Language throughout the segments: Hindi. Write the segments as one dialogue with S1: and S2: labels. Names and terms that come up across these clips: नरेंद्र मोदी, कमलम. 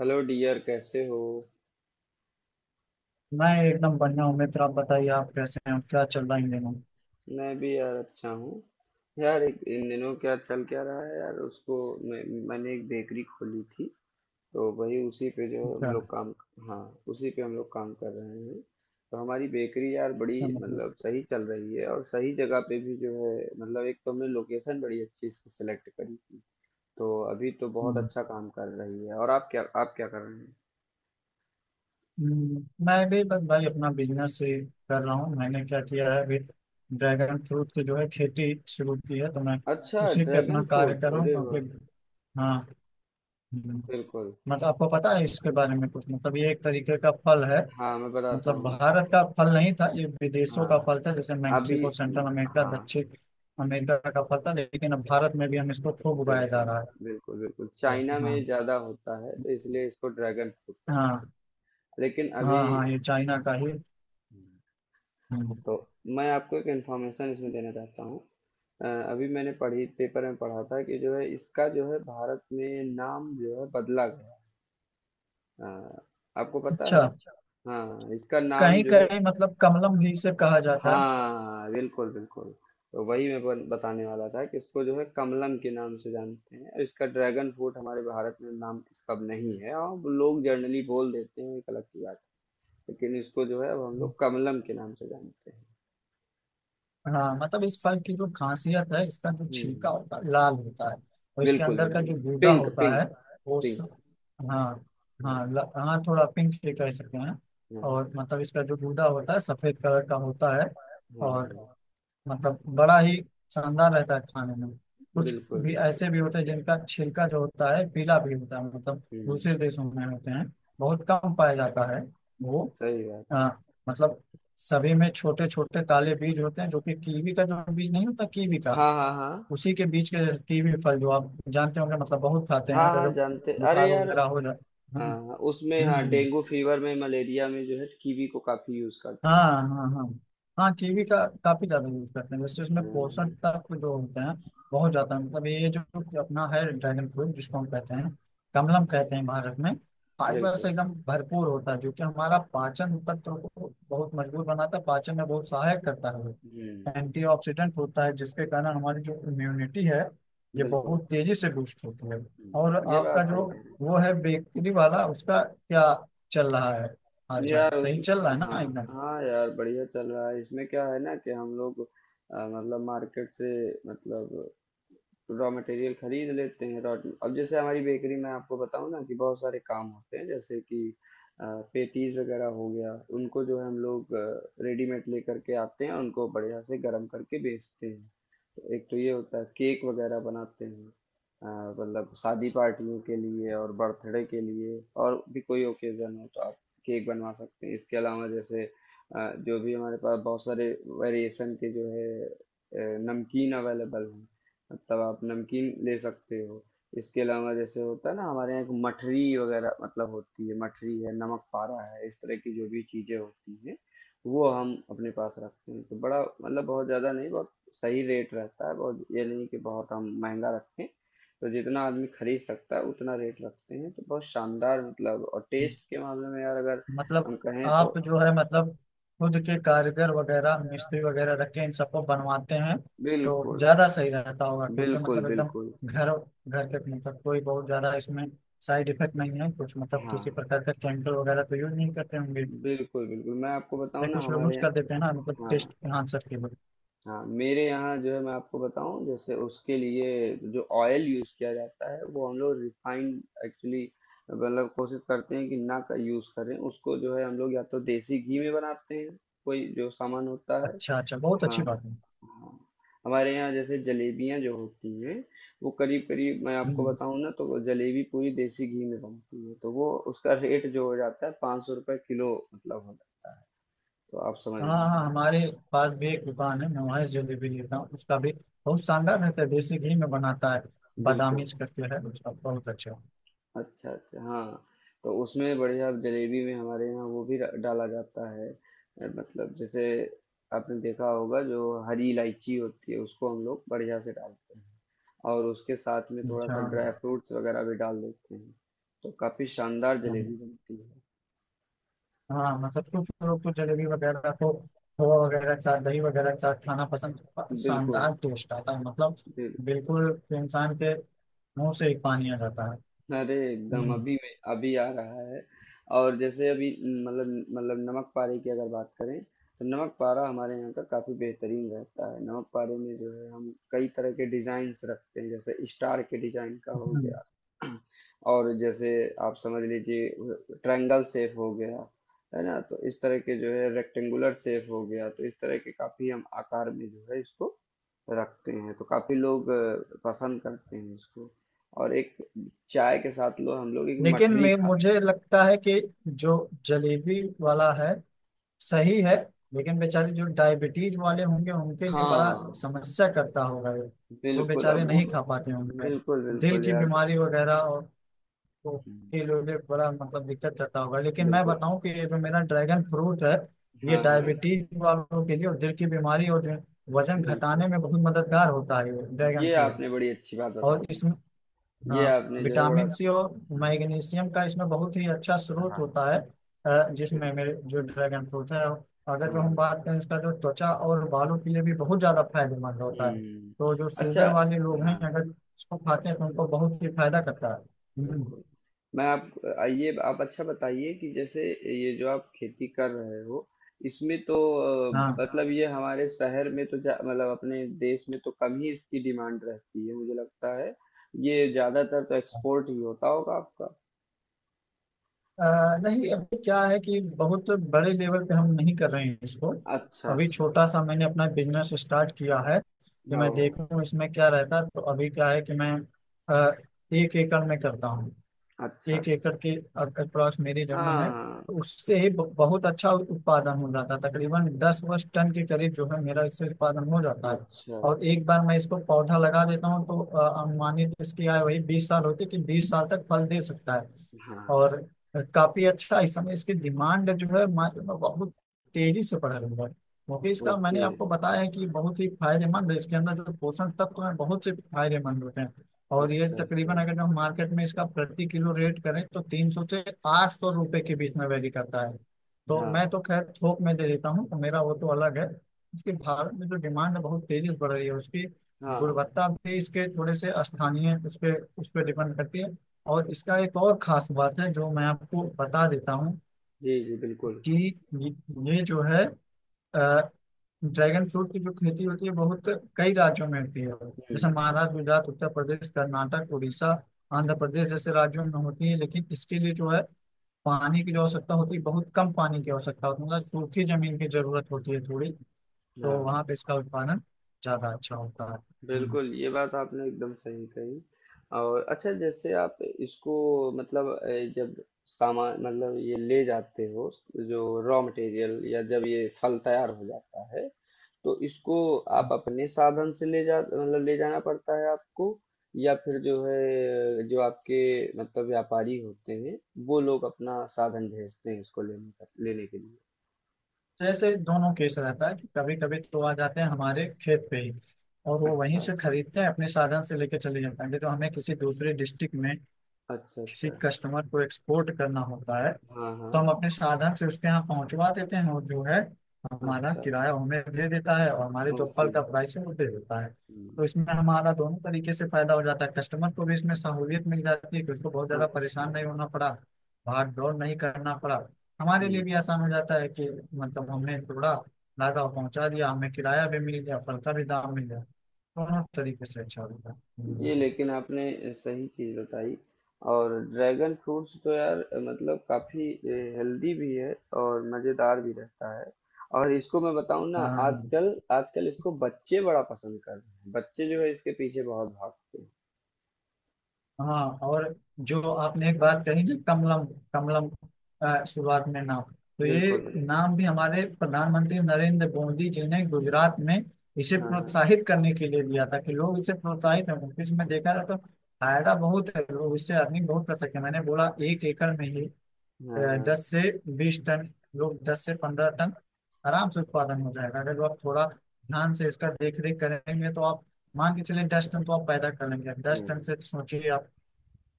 S1: हेलो डियर, कैसे हो?
S2: मैं एकदम बढ़िया हूँ मित्र। आप बताइए, आप कैसे हैं? क्या चल रहा है इन दिनों?
S1: मैं भी यार अच्छा हूँ। यार, एक इन दिनों क्या चल क्या रहा है यार? उसको मैं मैंने एक बेकरी खोली थी। तो वही उसी पे जो हम
S2: क्या?
S1: लोग काम हाँ, उसी पे हम लोग काम कर रहे हैं। तो हमारी बेकरी यार बड़ी
S2: क्या
S1: मतलब
S2: मतलब?
S1: सही चल रही है, और सही जगह पे भी जो है, मतलब एक तो हमने लोकेशन बड़ी अच्छी इसकी सेलेक्ट करी। तो अभी तो बहुत
S2: हम्म,
S1: अच्छा काम कर रही है। और आप क्या कर रहे हैं?
S2: मैं भी बस भाई अपना बिजनेस ही कर रहा हूँ। मैंने क्या किया है, अभी ड्रैगन फ्रूट की जो है खेती शुरू की है, तो मैं
S1: अच्छा,
S2: उसी पे
S1: ड्रैगन
S2: अपना कार्य कर
S1: फ्रूट,
S2: रहा हूँ,
S1: अरे वाह!
S2: क्योंकि हाँ। हम्म,
S1: बिल्कुल।
S2: मतलब आपको पता है इसके बारे में कुछ? मतलब ये एक तरीके का फल है।
S1: हाँ, मैं बताता
S2: मतलब
S1: हूँ।
S2: भारत का फल नहीं था ये, विदेशों का
S1: हाँ,
S2: फल था, जैसे
S1: अभी,
S2: मैक्सिको, सेंट्रल अमेरिका,
S1: हाँ।
S2: दक्षिण अमेरिका का फल था, लेकिन अब भारत में भी हम इसको खूब उगाया जा
S1: बिल्कुल
S2: रहा
S1: बिल्कुल। बिल्कुल,
S2: है।
S1: चाइना में
S2: हाँ,
S1: ज़्यादा होता है तो इसलिए इसको ड्रैगन फ्रूट कहते हैं।
S2: हाँ,
S1: लेकिन
S2: हाँ।
S1: अभी,
S2: हाँ, ये चाइना
S1: हाँ।
S2: का ही। हम्म।
S1: तो मैं आपको एक इन्फॉर्मेशन इसमें देना चाहता हूँ। अ, अभी मैंने पढ़ी पेपर में पढ़ा था कि जो है इसका जो है भारत में नाम जो है बदला गया। अ, आपको पता
S2: अच्छा।
S1: है? हाँ, इसका नाम
S2: कहीं
S1: जो है।
S2: कहीं मतलब कमलम भी इसे कहा जाता है।
S1: हाँ, बिल्कुल बिल्कुल। तो वही मैं बताने वाला था कि इसको जो है कमलम के नाम से जानते हैं। इसका ड्रैगन फ्रूट हमारे भारत में नाम इसका नहीं है, और वो लोग जनरली बोल देते हैं एक अलग की बात है। लेकिन इसको जो है अब हम
S2: हम्म।
S1: लोग कमलम के नाम से जानते हैं।
S2: हाँ, मतलब इस फल की जो खासियत है, इसका जो
S1: हम्म
S2: छिलका
S1: हम्म।
S2: होता है लाल होता है, और इसके
S1: बिल्कुल
S2: अंदर का
S1: बिल्कुल।
S2: जो गूदा
S1: पिंक
S2: होता है
S1: पिंक।
S2: वो स...
S1: पिंक।
S2: हाँ, हाँ,
S1: हाँ
S2: हाँ, थोड़ा पिंक भी कह सकते हैं। और
S1: हाँ
S2: मतलब इसका जो गूदा होता है सफेद कलर का होता है,
S1: हाँ।
S2: और
S1: हाँ।
S2: मतलब बड़ा ही शानदार रहता है खाने में। कुछ
S1: बिल्कुल
S2: भी
S1: बिल्कुल।
S2: ऐसे भी होते हैं जिनका छिलका जो होता है पीला भी होता है, मतलब
S1: हम्म।
S2: दूसरे देशों में होते हैं, बहुत कम पाया जाता है वो।
S1: सही बात
S2: आ,
S1: है।
S2: मतलब सभी में छोटे छोटे काले बीज होते हैं, जो कि कीवी का जो बीज नहीं होता, कीवी का
S1: हाँ हाँ हाँ।
S2: उसी के बीज के जैसे। कीवी फल जो आप जानते होंगे, मतलब बहुत खाते हैं
S1: हाँ
S2: अगर
S1: हाँ,
S2: जो
S1: जानते, अरे
S2: बुखार
S1: यार।
S2: वगैरह हो जाए। हम्म,
S1: हाँ, उसमें, हाँ,
S2: हम्म,
S1: डेंगू फीवर में, मलेरिया में जो है, कीवी को काफी यूज करते हैं।
S2: हाँ, हाँ, हाँ। हाँ, कीवी का काफी ज्यादा यूज करते हैं, वैसे उसमें पोषण
S1: हम्म।
S2: तत्व जो होते हैं बहुत ज्यादा है। मतलब ये जो अपना है ड्रैगन फ्रूट, जिसको हम कहते हैं,
S1: हम्म।
S2: कमलम कहते हैं भारत में, फाइबर से
S1: बिल्कुल।
S2: एकदम भरपूर होता है, जो कि हमारा पाचन तंत्र को बहुत मजबूत बनाता है, पाचन में बहुत सहायक करता है।
S1: हम्म।
S2: एंटीऑक्सीडेंट होता है, जिसके कारण हमारी जो इम्यूनिटी है ये
S1: बिल्कुल।
S2: बहुत तेजी से बूस्ट होती है। और
S1: हम्म। ये
S2: आपका
S1: बात सही
S2: जो
S1: कह रहे
S2: वो है बेकरी वाला, उसका क्या चल रहा है? हाल
S1: हैं
S2: चाल
S1: यार। उस
S2: सही चल रहा है
S1: हाँ
S2: ना, एकदम?
S1: हाँ यार, बढ़िया चल रहा है। इसमें क्या है ना कि हम लोग मतलब मार्केट से, मतलब रॉ मटेरियल खरीद लेते हैं। रॉ अब जैसे हमारी बेकरी में आपको बताऊं ना कि बहुत सारे काम होते हैं, जैसे कि पेटीज वगैरह हो गया। उनको जो है हम लोग रेडीमेड लेकर के आते हैं, उनको बढ़िया से गर्म करके बेचते हैं। एक तो ये होता है, केक वगैरह बनाते हैं। अ, मतलब शादी पार्टियों के लिए और बर्थडे के लिए, और भी कोई ओकेजन हो तो आप केक बनवा सकते हैं। इसके अलावा जैसे, जो भी हमारे पास बहुत सारे वेरिएशन के जो है नमकीन अवेलेबल हैं, मतलब आप नमकीन ले सकते हो। इसके अलावा जैसे होता है ना, हमारे यहाँ एक मठरी वगैरह मतलब होती है, मठरी है, नमक पारा है, इस तरह की जो भी चीज़ें होती हैं वो हम अपने पास रखते हैं। तो बड़ा, मतलब बहुत ज़्यादा नहीं, बहुत सही रेट रहता है, बहुत ये नहीं कि बहुत हम महंगा रखते हैं। तो जितना आदमी खरीद सकता है उतना रेट रखते हैं। तो बहुत शानदार, मतलब, और टेस्ट के मामले में यार अगर
S2: मतलब
S1: हम कहें तो
S2: आप जो है मतलब खुद के कारीगर वगैरह, मिस्त्री वगैरह रख के इन सबको बनवाते हैं, तो
S1: बिल्कुल।
S2: ज्यादा सही रहता होगा, क्योंकि
S1: बिल्कुल
S2: मतलब एकदम
S1: बिल्कुल।
S2: घर घर के, मतलब कोई बहुत ज्यादा इसमें साइड इफेक्ट नहीं है कुछ, मतलब किसी
S1: हाँ,
S2: प्रकार का केमिकल वगैरह तो यूज नहीं करते होंगे,
S1: बिल्कुल बिल्कुल, मैं आपको बताऊं
S2: या
S1: ना,
S2: कुछ लोग
S1: हमारे
S2: यूज कर
S1: यहाँ।
S2: देते हैं ना, मतलब
S1: हाँ।
S2: टेस्ट एनहांसर के लिए।
S1: हाँ, मेरे यहाँ जो है, मैं आपको बताऊं, जैसे उसके लिए जो ऑयल यूज किया जाता है वो हम लोग रिफाइंड एक्चुअली, मतलब कोशिश करते हैं कि ना का यूज करें। उसको जो है हम लोग या तो देसी घी में बनाते हैं, कोई जो सामान होता है।
S2: अच्छा अच्छा, बहुत अच्छी
S1: हाँ।
S2: बात है।
S1: हाँ, हमारे यहाँ जैसे जलेबियाँ जो होती हैं, वो करीब करीब, मैं आपको
S2: हम्म।
S1: बताऊं ना, तो जलेबी पूरी देसी घी में बनती है। तो वो उसका रेट जो हो जाता है 500 रुपये किलो मतलब हो जाता है। तो आप समझ
S2: हाँ, हाँ,
S1: लीजिए।
S2: हमारे पास भी एक दुकान है, मैं वहाँ जलेबी लेता हूँ, उसका भी बहुत शानदार रहता है, देसी घी में बनाता है, बादामी
S1: बिल्कुल।
S2: करके है उसका बहुत अच्छा।
S1: अच्छा अच्छा। हाँ, तो उसमें, बढ़िया जलेबी में हमारे यहाँ वो भी डाला जाता है। मतलब जैसे, आपने देखा होगा जो हरी इलायची होती है उसको हम लोग बढ़िया से डालते हैं, और उसके साथ में थोड़ा
S2: अच्छा।
S1: सा ड्राई फ्रूट्स वगैरह भी डाल देते हैं। तो काफी शानदार
S2: हम्म,
S1: जलेबी बनती
S2: हाँ, मतलब कुछ लोग तो जलेबी वगैरह को खोआ वगैरह के साथ, दही वगैरह के साथ खाना पसंद,
S1: है। बिल्कुल।
S2: शानदार टेस्ट आता है, मतलब
S1: बिल-
S2: बिल्कुल इंसान के मुंह से ही पानी आ जाता है।
S1: अरे एकदम,
S2: हम्म,
S1: अभी में अभी आ रहा है। और जैसे अभी मतलब, नमक पारे की अगर बात करें, तो नमक पारा हमारे यहाँ का काफ़ी बेहतरीन रहता है। नमक पारे में जो है हम कई तरह के डिज़ाइंस रखते हैं, जैसे स्टार के डिज़ाइन का हो
S2: हम्म।
S1: गया, और जैसे आप समझ लीजिए, ट्रायंगल शेप हो गया, है ना? तो इस तरह के जो है, रेक्टेंगुलर शेप हो गया, तो इस तरह के काफ़ी हम आकार में जो है इसको रखते हैं। तो काफ़ी लोग पसंद करते हैं इसको, और एक चाय के साथ लो, हम लोग एक
S2: लेकिन
S1: मठरी
S2: मैं,
S1: खा रहे
S2: मुझे
S1: हैं।
S2: लगता है कि जो जलेबी वाला है सही है, लेकिन बेचारे जो डायबिटीज वाले होंगे उनके लिए बड़ा
S1: हाँ।
S2: समस्या करता होगा ये, वो
S1: बिल्कुल, अब
S2: बेचारे
S1: वो,
S2: नहीं खा पाते होंगे।
S1: बिल्कुल
S2: दिल
S1: बिल्कुल
S2: की
S1: यार।
S2: बीमारी वगैरह और तो के लिए बड़ा मतलब दिक्कत करता होगा। लेकिन मैं
S1: बिल्कुल।
S2: बताऊं कि ये जो मेरा ड्रैगन फ्रूट है, ये
S1: हाँ हाँ।
S2: डायबिटीज वालों के लिए और दिल की बीमारी, और जो वजन घटाने
S1: बिल्कुल,
S2: में बहुत मददगार होता है ये ड्रैगन
S1: ये
S2: फ्रूट।
S1: आपने बड़ी अच्छी बात बता
S2: और
S1: दी
S2: इसमें
S1: है। ये
S2: हाँ,
S1: आपने जो है बड़ा
S2: विटामिन सी
S1: अच्छा,
S2: और
S1: हाँ।
S2: मैग्नीशियम का इसमें बहुत ही अच्छा स्रोत
S1: हाँ,
S2: होता है। जिसमें
S1: बिल्कुल।
S2: मेरे जो ड्रैगन फ्रूट है, अगर जो हम
S1: हाँ।
S2: बात करें, इसका जो त्वचा और बालों के लिए भी बहुत ज्यादा फायदेमंद होता है,
S1: हम्म।
S2: तो जो शुगर
S1: अच्छा।
S2: वाले लोग हैं
S1: हाँ।
S2: अगर इसको खाते हैं तो उनको बहुत ही फायदा करता है। हम्म,
S1: बिल्कुल। मैं आप आइए, आप अच्छा बताइए कि जैसे, ये जो आप खेती कर रहे हो, इसमें तो
S2: हाँ।
S1: मतलब ये हमारे शहर में तो मतलब अपने देश में तो कम ही इसकी डिमांड रहती है, मुझे लगता है। ये ज्यादातर तो एक्सपोर्ट ही होता होगा आपका।
S2: अ, नहीं, अभी क्या है कि बहुत बड़े लेवल पे हम नहीं कर रहे हैं इसको,
S1: अच्छा
S2: अभी
S1: अच्छा।
S2: छोटा सा मैंने अपना बिजनेस स्टार्ट किया है कि मैं
S1: ओ।
S2: देखूं इसमें क्या रहता है। तो अभी क्या है कि मैं अ, 1 एकड़ में करता हूँ,
S1: अच्छा
S2: 1 एकड़
S1: अच्छा।
S2: के अक्रॉस मेरी जमीन है,
S1: हाँ।
S2: तो उससे ही बहुत अच्छा उत्पादन हो जाता है, तकरीबन 10 वर्ष टन के करीब जो है मेरा इससे उत्पादन हो जाता है।
S1: अच्छा
S2: और
S1: अच्छा।
S2: एक बार मैं इसको पौधा लगा देता हूँ, तो अनुमानित इसकी आयु वही 20 साल होती है, कि 20 साल तक फल दे सकता है।
S1: हाँ।
S2: और काफी अच्छा इस समय इसकी डिमांड जो है मार्केट में बहुत तेजी से बढ़ रही है, क्योंकि इसका मैंने
S1: ओके।
S2: आपको बताया है कि बहुत ही फायदेमंद है, इसके अंदर जो पोषण तत्व हैं बहुत से फायदेमंद होते हैं। और ये
S1: अच्छा
S2: तकरीबन
S1: अच्छा।
S2: अगर हम मार्केट में इसका प्रति किलो रेट करें तो 300 से 800 रुपए के बीच में वैरी करता है। तो मैं
S1: हाँ।
S2: तो खैर थोक में दे देता हूँ, तो मेरा वो तो अलग है। इसकी भारत में जो डिमांड है बहुत तेजी से बढ़ रही है। उसकी
S1: हाँ।
S2: गुणवत्ता भी इसके थोड़े से स्थानीय उस पे डिपेंड करती है। और इसका एक और खास बात है जो मैं आपको बता देता हूँ
S1: जी जी, बिल्कुल।
S2: कि ये जो है अ, ड्रैगन फ्रूट की जो खेती होती है बहुत कई राज्यों में होती है, जैसे
S1: हम्म।
S2: महाराष्ट्र, गुजरात, उत्तर प्रदेश, कर्नाटक, उड़ीसा, आंध्र प्रदेश जैसे राज्यों में होती है। लेकिन इसके लिए जो है पानी की जो आवश्यकता होती है, बहुत कम पानी की आवश्यकता होती है, मतलब सूखी जमीन की जरूरत होती है थोड़ी, तो
S1: हाँ।
S2: वहां पे इसका उत्पादन ज्यादा अच्छा होता है। हम्म।
S1: बिल्कुल, ये बात आपने एकदम सही कही। और अच्छा, जैसे आप इसको, मतलब जब सामान, मतलब ये ले जाते हो, जो रॉ मटेरियल, या जब ये फल तैयार हो जाता है, तो इसको आप अपने साधन से ले जा, मतलब ले जाना पड़ता है आपको, या फिर जो है, जो आपके मतलब व्यापारी होते हैं, वो लोग अपना साधन भेजते हैं इसको लेने लेने के लिए।
S2: जैसे दोनों केस रहता है, कि कभी कभी तो आ जाते हैं हमारे खेत पे ही, और वो वहीं
S1: अच्छा
S2: से
S1: अच्छा।
S2: खरीदते हैं, अपने साधन से लेके चले जाते हैं। तो हमें किसी दूसरे डिस्ट्रिक्ट में
S1: अच्छा
S2: किसी
S1: अच्छा।
S2: कस्टमर को एक्सपोर्ट करना होता है,
S1: हाँ हाँ।
S2: तो हम अपने साधन से उसके यहाँ पहुंचवा देते हैं, और जो है हमारा
S1: अच्छा।
S2: किराया वो हमें दे देता है और हमारे जो फल
S1: ओके।
S2: का प्राइस है वो दे देता है। तो
S1: हम्म।
S2: इसमें हमारा दोनों तरीके से फायदा हो जाता है, कस्टमर को भी इसमें सहूलियत मिल जाती है कि उसको बहुत ज्यादा परेशान
S1: अच्छा।
S2: नहीं होना पड़ा, भाग दौड़ नहीं करना पड़ा। हमारे लिए
S1: हम्म।
S2: भी आसान हो जाता है कि मतलब हमने टुकड़ा लागा और पहुंचा दिया, हमें किराया भी मिल गया, फल का भी दाम मिल गया, दोनों तरीके से अच्छा होता है।
S1: ये
S2: तो,
S1: लेकिन आपने सही चीज बताई, और ड्रैगन फ्रूट्स तो यार, मतलब काफी हेल्दी भी है, और मजेदार भी रहता है। और इसको मैं बताऊं ना,
S2: हाँ,
S1: आजकल आजकल इसको बच्चे बड़ा पसंद कर रहे हैं, बच्चे जो है इसके पीछे बहुत भागते हैं।
S2: हाँ, और जो आपने एक बात कही ना, कमलम, कमलम शुरुआत में नाम, तो ये
S1: बिल्कुल बिल्कुल।
S2: नाम भी हमारे प्रधानमंत्री नरेंद्र मोदी जी ने गुजरात में इसे
S1: हाँ हाँ
S2: प्रोत्साहित करने के लिए दिया था कि लोग इसे प्रोत्साहित हों, क्योंकि इसमें देखा जाए तो फायदा बहुत है, लोग इससे अर्निंग बहुत कर सकते हैं। मैंने बोला 1 एकड़ में ही
S1: हाँ। हाँ।
S2: 10 से 20 टन, लोग 10 से 15 टन आराम से उत्पादन हो जाएगा, अगर लोग थोड़ा ध्यान से इसका देख रेख करेंगे तो। आप मान के चलिए 10 टन तो आप पैदा कर लेंगे, 10 टन
S1: हम्म।
S2: से सोचिए आप,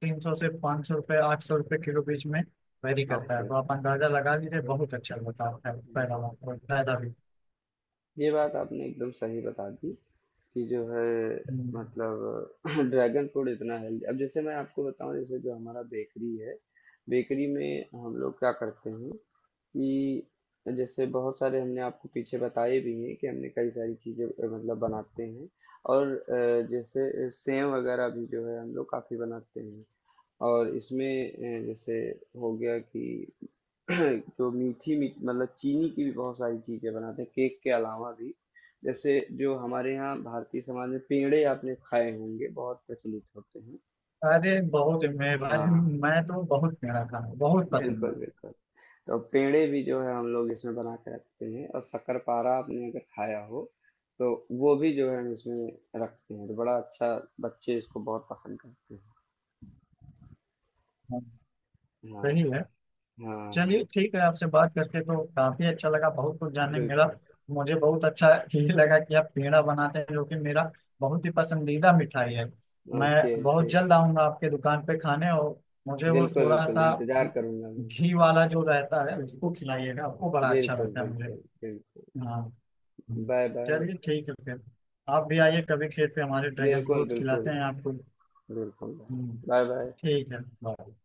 S2: 300 से 500 रुपये, 800 रुपये किलो बीच में वेरी करता है,
S1: ओके,
S2: तो आप अंदाजा लगा लीजिए, बहुत अच्छा होता है पैदावार और फायदा भी।
S1: ये बात आपने एकदम सही बता दी कि जो है,
S2: हम्म।
S1: मतलब ड्रैगन फ्रूट इतना हेल्दी। अब जैसे मैं आपको बताऊं, जैसे जो हमारा बेकरी है, बेकरी में हम लोग क्या करते हैं कि जैसे बहुत सारे हमने आपको पीछे बताए भी हैं कि हमने कई सारी चीज़ें मतलब बनाते हैं, और जैसे सेव वगैरह भी जो है हम लोग काफ़ी बनाते हैं। और इसमें जैसे हो गया कि, जो मीठी मी मतलब चीनी की भी बहुत सारी चीज़ें बनाते हैं केक के अलावा भी, जैसे जो हमारे यहाँ भारतीय समाज में पेड़े आपने खाए होंगे, बहुत प्रचलित होते हैं।
S2: अरे बहुत, मैं भाई,
S1: हाँ।
S2: मैं तो बहुत, मेरा खाना बहुत
S1: बिल्कुल
S2: पसंद है।
S1: बिल्कुल। तो पेड़े भी जो है हम लोग इसमें बना के रखते हैं, और शक्करपारा आपने अगर खाया हो, तो वो भी जो है हम इसमें रखते हैं। तो बड़ा अच्छा, बच्चे इसको बहुत पसंद करते
S2: हाँ,
S1: हैं। हाँ
S2: सही है।
S1: हाँ।
S2: चलिए
S1: हाँ।
S2: ठीक है, आपसे बात करके तो काफी अच्छा लगा, बहुत कुछ जानने को मिला।
S1: बिल्कुल।
S2: मुझे बहुत अच्छा ये लगा कि आप पेड़ा बनाते हैं, जो कि मेरा बहुत ही पसंदीदा मिठाई है। मैं
S1: ओके
S2: बहुत
S1: ओके।
S2: जल्द आऊंगा आपके दुकान पे खाने, और मुझे वो
S1: बिल्कुल
S2: थोड़ा
S1: बिल्कुल,
S2: सा
S1: इंतजार करूंगा मैं।
S2: घी वाला जो रहता है उसको खिलाइएगा, आपको बड़ा अच्छा
S1: बिल्कुल
S2: लगता है मुझे।
S1: बिल्कुल बिल्कुल।
S2: हाँ। हम्म।
S1: Bye bye.
S2: चलिए ठीक है फिर, आप भी आइए कभी, खेत पे हमारे ड्रैगन
S1: बिल्कुल
S2: फ्रूट खिलाते
S1: बिल्कुल।
S2: हैं आपको।
S1: बिल्कुल।
S2: हम्म,
S1: बाय बाय।
S2: ठीक है, बाय।